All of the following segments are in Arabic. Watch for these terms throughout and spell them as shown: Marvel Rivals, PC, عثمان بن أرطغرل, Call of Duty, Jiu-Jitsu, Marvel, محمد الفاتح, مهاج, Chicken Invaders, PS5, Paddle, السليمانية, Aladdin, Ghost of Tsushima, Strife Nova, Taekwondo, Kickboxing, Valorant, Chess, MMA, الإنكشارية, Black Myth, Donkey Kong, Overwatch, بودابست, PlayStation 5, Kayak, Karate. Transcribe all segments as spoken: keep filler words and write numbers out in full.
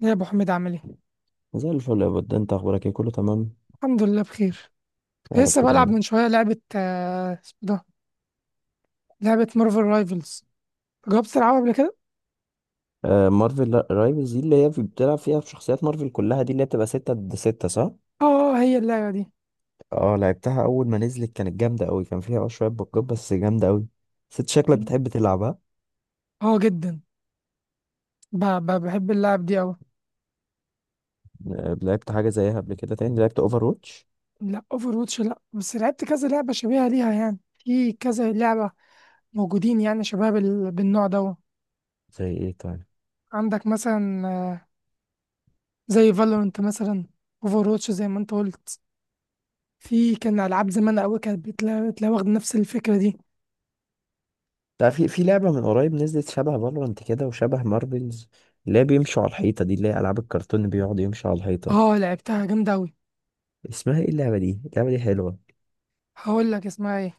يا ابو حميد عامل ايه؟ زي الفل يا بود، انت اخبارك ايه؟ كله تمام؟ الحمد لله بخير. كنت يا رب لسه بلعب دايما. من شويه لعبه، آه، اسمه ده. لعبه مارفل رايفلز. جربت تلعبها قبل كده؟ آه، مارفل لا- رايفلز دي اللي هي في- بتلعب فيها بشخصيات مارفل كلها، دي اللي هي بتبقى ستة ضد ستة، صح؟ اه، هي اللعبه دي. اه، لعبتها اول ما نزلت كانت جامدة قوي. كان فيها اه شوية بقات بس جامدة قوي. ست شكلك بتحب تلعبها. اه، جدا. ب- ب- بحب اللعب دي قوي. آه لعبت حاجة زيها قبل كده تاني؟ لعبت اوفر واتش؟ لا، اوفر واتش لا، بس لعبت كذا لعبه شبيهه ليها، يعني في كذا لعبه موجودين، يعني شباب ال- بالنوع ده. زي ايه طيب؟ عندك مثلا، آه، زي فالورنت مثلا، اوفر واتش زي ما انت قلت. في كان العاب زمان قوي كانت بتلا- بتلا- واخده نفس الفكره دي. لا، في في لعبة من قريب نزلت شبه فالورانت كده وشبه مارفلز، اللي هي بيمشوا على الحيطة، دي اللي هي ألعاب الكرتون اللي بيقعد يمشي على الحيطة. اه، لعبتها جامده قوي. اسمها ايه اللعبة دي؟ اللعبة دي حلوة. هقول لك اسمها ايه.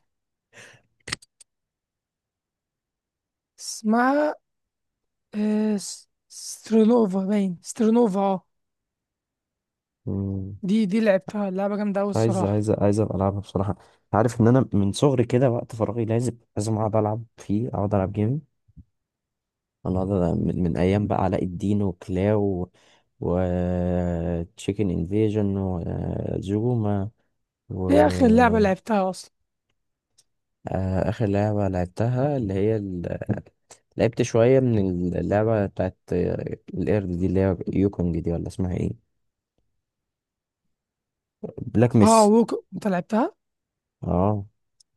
اسمها، آه، س- سترونوفا، باين سترونوفا، اه. مم. دي دي لعبتها، اللعبة جامدة أوي عايز الصراحة. عايز عايز ابقى العبها بصراحه. عارف ان انا من صغري كده وقت فراغي لازم لازم اقعد العب فيه، اقعد العب جيمنج. انا أقعد ألعب من, من ايام بقى علاء الدين وكلاو و تشيكن انفيجن وزوما و دي آخر لعبة لعبتها أصلا. آه، اخر لعبه لعبتها اللي هي ال... لعبت شويه من اللعبه بتاعت القرد دي، اللي هي يوكونج دي ولا اسمها ايه؟ بلاك اه، ميس. ووك أنت لعبتها؟ اه،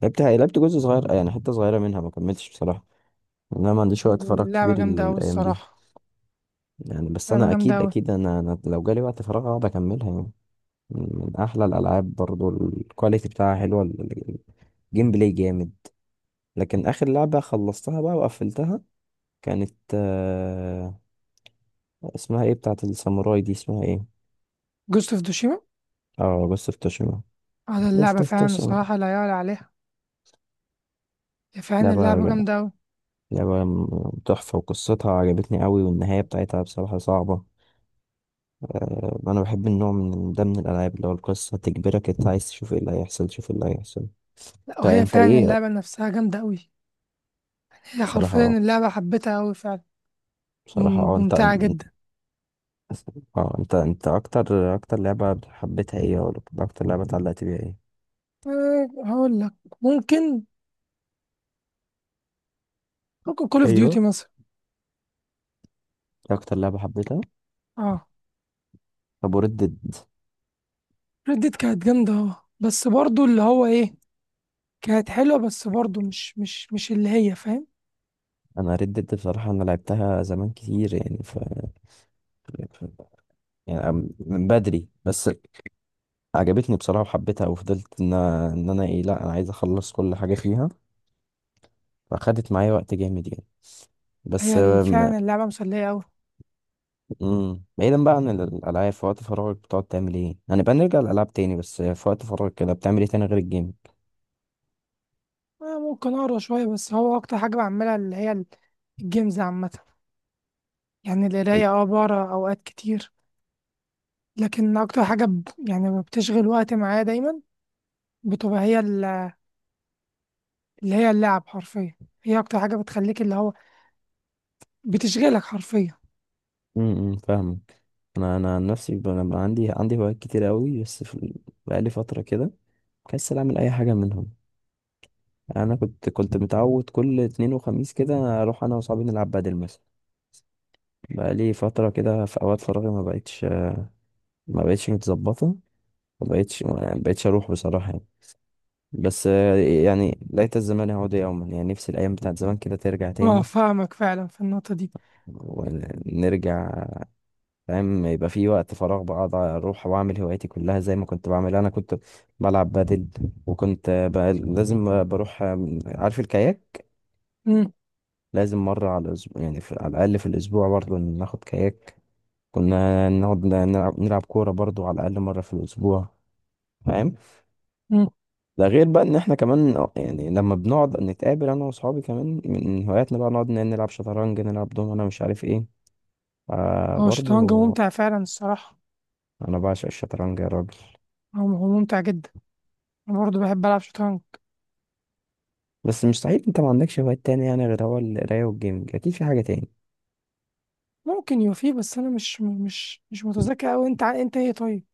لعبتها، لعبت جزء صغير يعني، حته صغيره منها، ما كملتش بصراحه. انا ما عنديش وقت فراغ اللعبة كبير ال- جامدة أوي الايام دي. الصراحة. يعني بس لعبة انا جامدة اكيد أوي. اكيد انا, أنا لو جالي وقت فراغ اقعد اكملها يعني. من من احلى الالعاب برضو، الكواليتي بتاعها حلوه، ال- ال- الجيم بلاي جامد. لكن اخر لعبه خلصتها بقى وقفلتها، كانت آه اسمها ايه بتاعت الساموراي دي، اسمها ايه؟ جوست اوف دوشيما. اه، بس افتشمها. على بس اللعبة فعلا، افتشمها. الصراحة لا يعلى عليها. هي فعلا لعبة اللعبة جامدة أوي. لعبة م- تحفة، وقصتها عجبتني قوي، والنهاية بتاعتها بصراحة صعبة. آه، انا بحب النوع من ده من الالعاب، اللي هو القصه تجبرك انت عايز تشوف ايه اللي هيحصل، تشوف ايه اللي هيحصل. لا، انت وهي انت فعلا ايه؟ اللعبة نفسها جامدة أوي. هي بصراحه حرفيا اه. اللعبة حبيتها أوي فعلا. بصراحه مم- اه انت، ممتعة جدا. اه انت انت اكتر اكتر لعبه حبيتها ايه، ولا اكتر لعبه اتعلقت بيها ايه؟ أه هقول لك. ممكن، ممكن كول اوف ديوتي ايوه، مثلا. اكتر لعبه حبيتها. اه، طب وردد؟ ردت كانت جامدة، اه، بس برضو اللي هو ايه. كانت حلوة، بس برضو مش مش مش اللي هي فاهم. انا ردد بصراحه، انا لعبتها زمان كتير، يعني ف... ف... يعني أم- من بدري بس. عجبتني بصراحه وحبيتها، وفضلت ان ان انا ايه، لا انا عايز اخلص كل حاجه فيها. فاخدت معايا وقت جامد يعني. بس. هي ال- فعلا اللعبة مسلية أوي. امم بعيدا بقى عن الالعاب، في وقت فراغك بتقعد تعمل ايه يعني؟ بقى نرجع للالعاب تاني، بس في وقت فراغك كده بتعمل ايه تاني غير الجيم؟ أنا ممكن أقرا شوية، بس هو أكتر حاجة بعملها اللي هي ال- الجيمز عامة. يعني القراية اه بقرا أوقات كتير. لكن أكتر حاجة ب... يعني بتشغل وقت معايا دايما، بتبقى هي ال- اللي هي اللعب حرفيا. هي أكتر حاجة بتخليك، اللي هو بتشغلك حرفيا. امم فاهم. انا انا عن نفسي ب- انا بقى عندي عندي هوايات كتير قوي، بس في ال- بقالي فتره كده كسل اعمل اي حاجه منهم. يعني انا كنت كنت متعود كل اتنين وخميس كده اروح انا وصحابي نلعب بدل مثلا. بقالي فتره كده في اوقات فراغي ما بقتش، ما بقتش متظبطه، ما بقتش ما بقتش اروح بصراحه يعني. بس آه، يعني ليت الزمان يعود يوما، يعني نفسي الايام بتاعت زمان كده ترجع اه، تاني، فاهمك فعلا في النقطة دي. ونرجع. فاهم؟ يبقى في وقت فراغ بقعد اروح واعمل هواياتي كلها زي ما كنت بعمل. انا كنت بلعب بادل، وكنت بقى لازم بروح. عارف الكاياك؟ مم، لازم مرة على الأسبوع، يعني في على الأقل في الأسبوع برضو ناخد كاياك. كنا نقعد نلعب نلعب كورة برضو على الأقل مرة في الأسبوع. فاهم؟ مم. ده غير بقى إن إحنا كمان، يعني لما بنقعد نتقابل أنا وأصحابي، كمان من هواياتنا بقى نقعد نلعب شطرنج، نلعب دوم، أنا مش عارف إيه. آه هو الشطرنج برضو، ممتع فعلا الصراحة. أنا بعشق الشطرنج يا راجل. هو هو ممتع جدا. انا برضه بحب العب شطرنج. بس مستحيل انت ما عندكش هوايات تاني، يعني غير هو القراية والجيمنج، اكيد في حاجة تاني. ممكن يوفي، بس انا مش مش مش متذكر اوي. انت ع- انت ايه طيب؟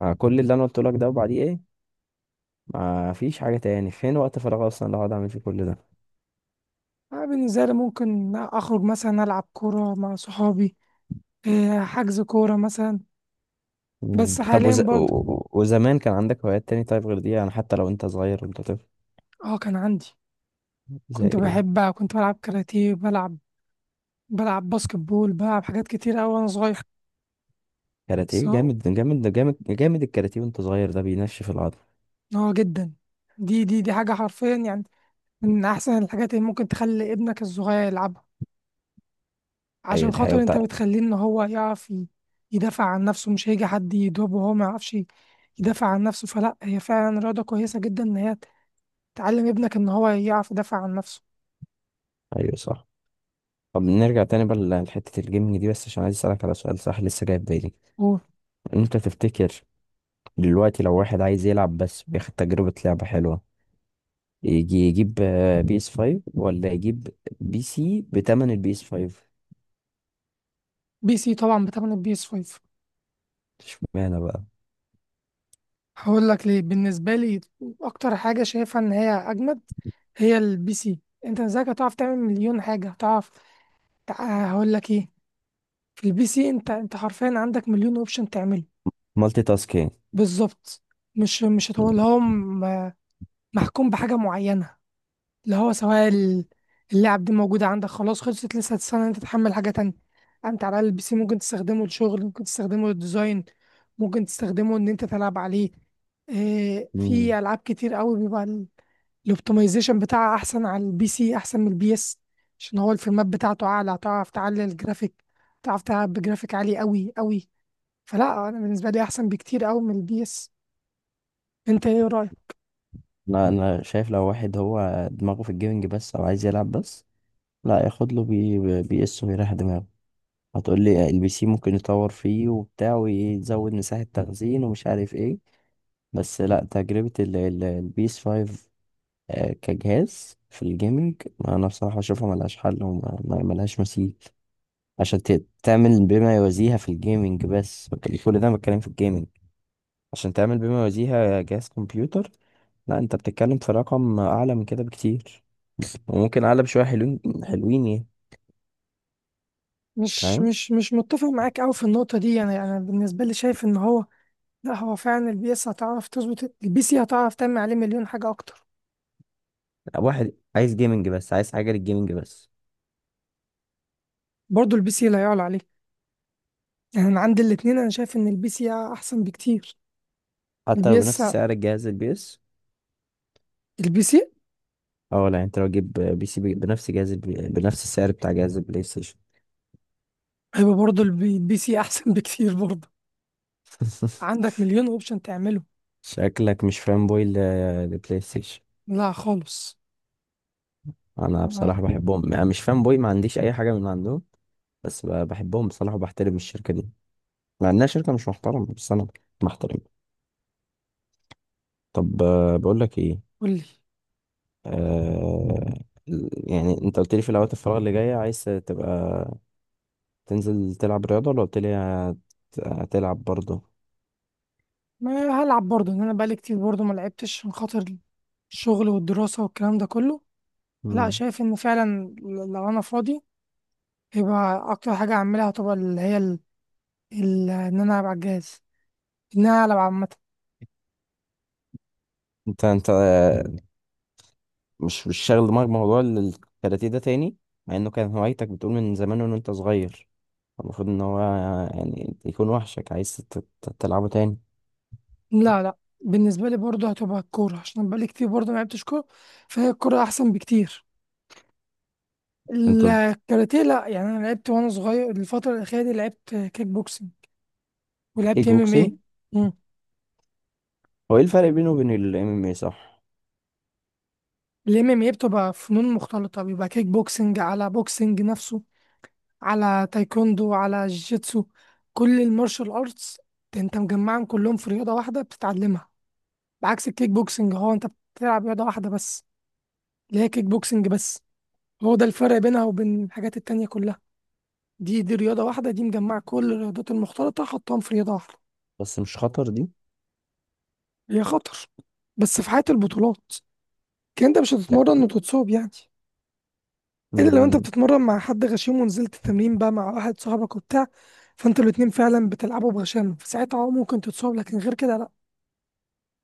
مع كل اللي انا قلت لك ده، وبعديه ايه؟ ما فيش حاجة تاني، فين وقت فراغ اصلا اللي هقعد اعمل فيه كل ده؟ انا بالنسبه لي ممكن اخرج مثلا العب كوره مع صحابي. إيه، حجز كوره مثلا. مم. بس طب حاليا وز... و... برضه. و- وزمان كان عندك هوايات تاني طيب غير دي؟ يعني حتى لو انت صغير وانت طفل. اه، كان عندي. زي كنت ايه؟ بحب، كنت بلعب كاراتيه، بلعب، بلعب باسكت بول، بلعب حاجات كتير اوي وانا صغير. بس كاراتيه، هو- جامد جامد جامد جامد، الكاراتيه وانت صغير ده بينشف العضل. اه، جدا. دي دي دي حاجه حرفيا يعني. من احسن الحاجات اللي ممكن تخلي ابنك الصغير يلعبها، ايوه عشان دي حقيقة خاطر انت بتاع. بتخليه ان هو يعرف ي- يدافع عن نفسه. مش هيجي حد يضربه وهو ما يعرفش يدافع عن نفسه. فلا هي فعلا رياضة كويسة جدا، ان هي تعلم ابنك ان هو يعرف يدافع عن نفسه. ايوه صح. طب نرجع تاني بقى ل- لحتة الجيمنج دي، بس عشان عايز اسألك على سؤال صح لسه جاي في بالي. وبي انت تفتكر دلوقتي لو واحد عايز يلعب بس بياخد تجربة لعبة حلوة، يجي يجيب بي اس فايف ولا يجيب بي سي بتمن البي اس فايف؟ سي طبعا بتمن البي اس خمسة. اشمعنى بقى؟ هقول لك ليه. بالنسبة لي اكتر حاجة شايفها ان هي اجمد هي البي سي. انت ازاي هتعرف تعمل مليون حاجة، هتعرف، تع- هقول لك ايه. في البي سي انت انت حرفيا عندك مليون اوبشن تعمله. مالتي تاسكينج؟ بالظبط. مش مش هتقول لهم محكوم بحاجة معينة، اللي هو سواء ال- اللعب دي موجودة عندك خلاص، خلصت، لسه هتستنى إن انت تحمل حاجة تانية. انت على الأقل البي سي ممكن تستخدمه للشغل، ممكن تستخدمه للديزاين، ممكن تستخدمه ان انت تلعب عليه. إيه، مم. في العاب كتير قوي بيبقى ال- الاوبتمايزيشن بتاعها احسن على البي سي، احسن من البي اس. عشان هو الفريمات بتاعته اعلى، هتعرف تعلي الجرافيك، تعرف تلعب بجرافيك عالي قوي قوي. فلا انا بالنسبة لي احسن بكتير قوي من البي اس. انت ايه رأيك؟ انا انا شايف لو واحد هو دماغه في الجيمنج بس او عايز يلعب بس، لا ياخد له بي بي اس ويريح دماغه. هتقول لي البي سي ممكن يطور فيه وبتاع ويزود مساحة تخزين ومش عارف ايه، بس لا، تجربة البي اس فايف كجهاز في الجيمنج، انا بصراحة اشوفها ملهاش حل وملهاش مثيل. عشان ت- تعمل بما يوازيها في الجيمنج، بس بك- كل ده أنا بتكلم في الجيمنج. عشان تعمل بما يوازيها جهاز كمبيوتر، لا انت بتتكلم في رقم اعلى من كده بكتير، وممكن اعلى بشويه حلوين حلوين يعني. مش فاهم؟ مش مش متفق معاك أوي في النقطة دي، يعني أنا بالنسبة لي شايف إن هو، لا، هو فعلا البي إس هتعرف تظبط، البي سي هتعرف تعمل عليه مليون حاجة أكتر. واحد عايز جيمنج بس، عايز حاجه للجيمنج بس. برضه البي سي لا يعلى عليه. يعني أنا عندي الاتنين، أنا شايف إن البي سي أحسن بكتير. حتى البي لو إس، بنفس سعر الجهاز البي اس. البي سي، اه لا، انت لو تجيب بي سي بي- بنفس جهاز البي... بنفس السعر بتاع جهاز البلاي ستيشن. هيبقى برضه البي البي سي أحسن بكتير برضه. عندك مليون أوبشن تعمله. شكلك مش فان بوي ل- للبلاي ستيشن. لا خالص. انا بصراحه آه، بحبهم، انا مش فان بوي، ما عنديش اي حاجه من عندهم. بس ب- بحبهم بصراحة، وبحترم الشركة دي، مع إنها شركة مش محترمة، بس أنا محترم. طب آه، بقول لك إيه. قولي. آه يعني أنت قلت لي في الأوقات الفراغ اللي جاية عايز تبقى تنزل تلعب رياضة، ولا قلت لي هت- هتلعب برضه؟ ما هلعب برضه، إن أنا بقالي كتير برضه ما لعبتش، عشان خاطر الشغل والدراسة والكلام ده كله. لا، مم. شايف إن فعلا لو أنا فاضي، يبقى اكتر حاجه اعملها طبعا اللي هي ال... ال... ان انا العب على الجهاز، ان انا العب عامه. أنت أنت آه، مش مش شاغل دماغك بموضوع ال- الكاراتيه ده تاني؟ مع إنه كان هوايتك بتقول من زمان وإن أنت صغير، المفروض إن هو يعني يكون وحشك عايز تت- تلعبه تاني. لا، لا، بالنسبه لي برضه هتبقى الكوره، عشان أنا بقالي كتير برضه ما لعبتش كوره. فهي الكوره احسن بكتير. أنت بت- الكاراتيه لا، يعني انا لعبت وانا صغير. الفتره الاخيره دي لعبت كيك بوكسنج، كيك ولعبت ام ام بوكسينج. ايه. هو إيه الفرق بينه وبين الإم إم إيه، صح؟ الام ام ايه بتبقى فنون مختلطه، بيبقى كيك بوكسنج على بوكسنج نفسه، على تايكوندو، على جيتسو، كل المارشال ارتس، انت مجمعهم كلهم في رياضه واحده بتتعلمها. بعكس الكيك بوكسنج، هو انت بتلعب رياضة واحدة بس، اللي هي كيك بوكسنج بس. هو ده الفرق بينها وبين الحاجات التانية كلها. دي دي رياضة واحدة، دي مجمعة كل الرياضات المختلطة، حطهم في رياضة واحدة. بس مش خطر دي؟ هي خطر، بس في حياة البطولات، كان انت مش لا. هتتمرن وتتصاب يعني. الا لو انت مم، بتتمرن مع حد غشيم، ونزلت التمرين بقى مع واحد صاحبك وبتاع، فانتوا الاتنين فعلا بتلعبوا بغشامة، فساعتها اه ممكن تتصاب، لكن غير كده لا.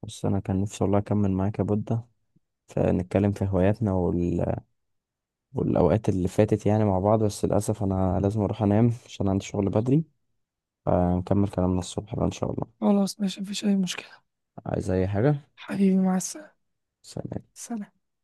بص انا كان نفسي والله اكمل معاك يا بودة، فنتكلم في هواياتنا وال... والاوقات اللي فاتت يعني مع بعض، بس للاسف انا لازم اروح انام عشان عندي شغل بدري، فنكمل كلامنا الصبح بقى ان شاء الله. خلاص، ماشي، مفيش اي مشكلة. عايز اي حاجة؟ حبيبي، مع السلامة. سلام. سلام.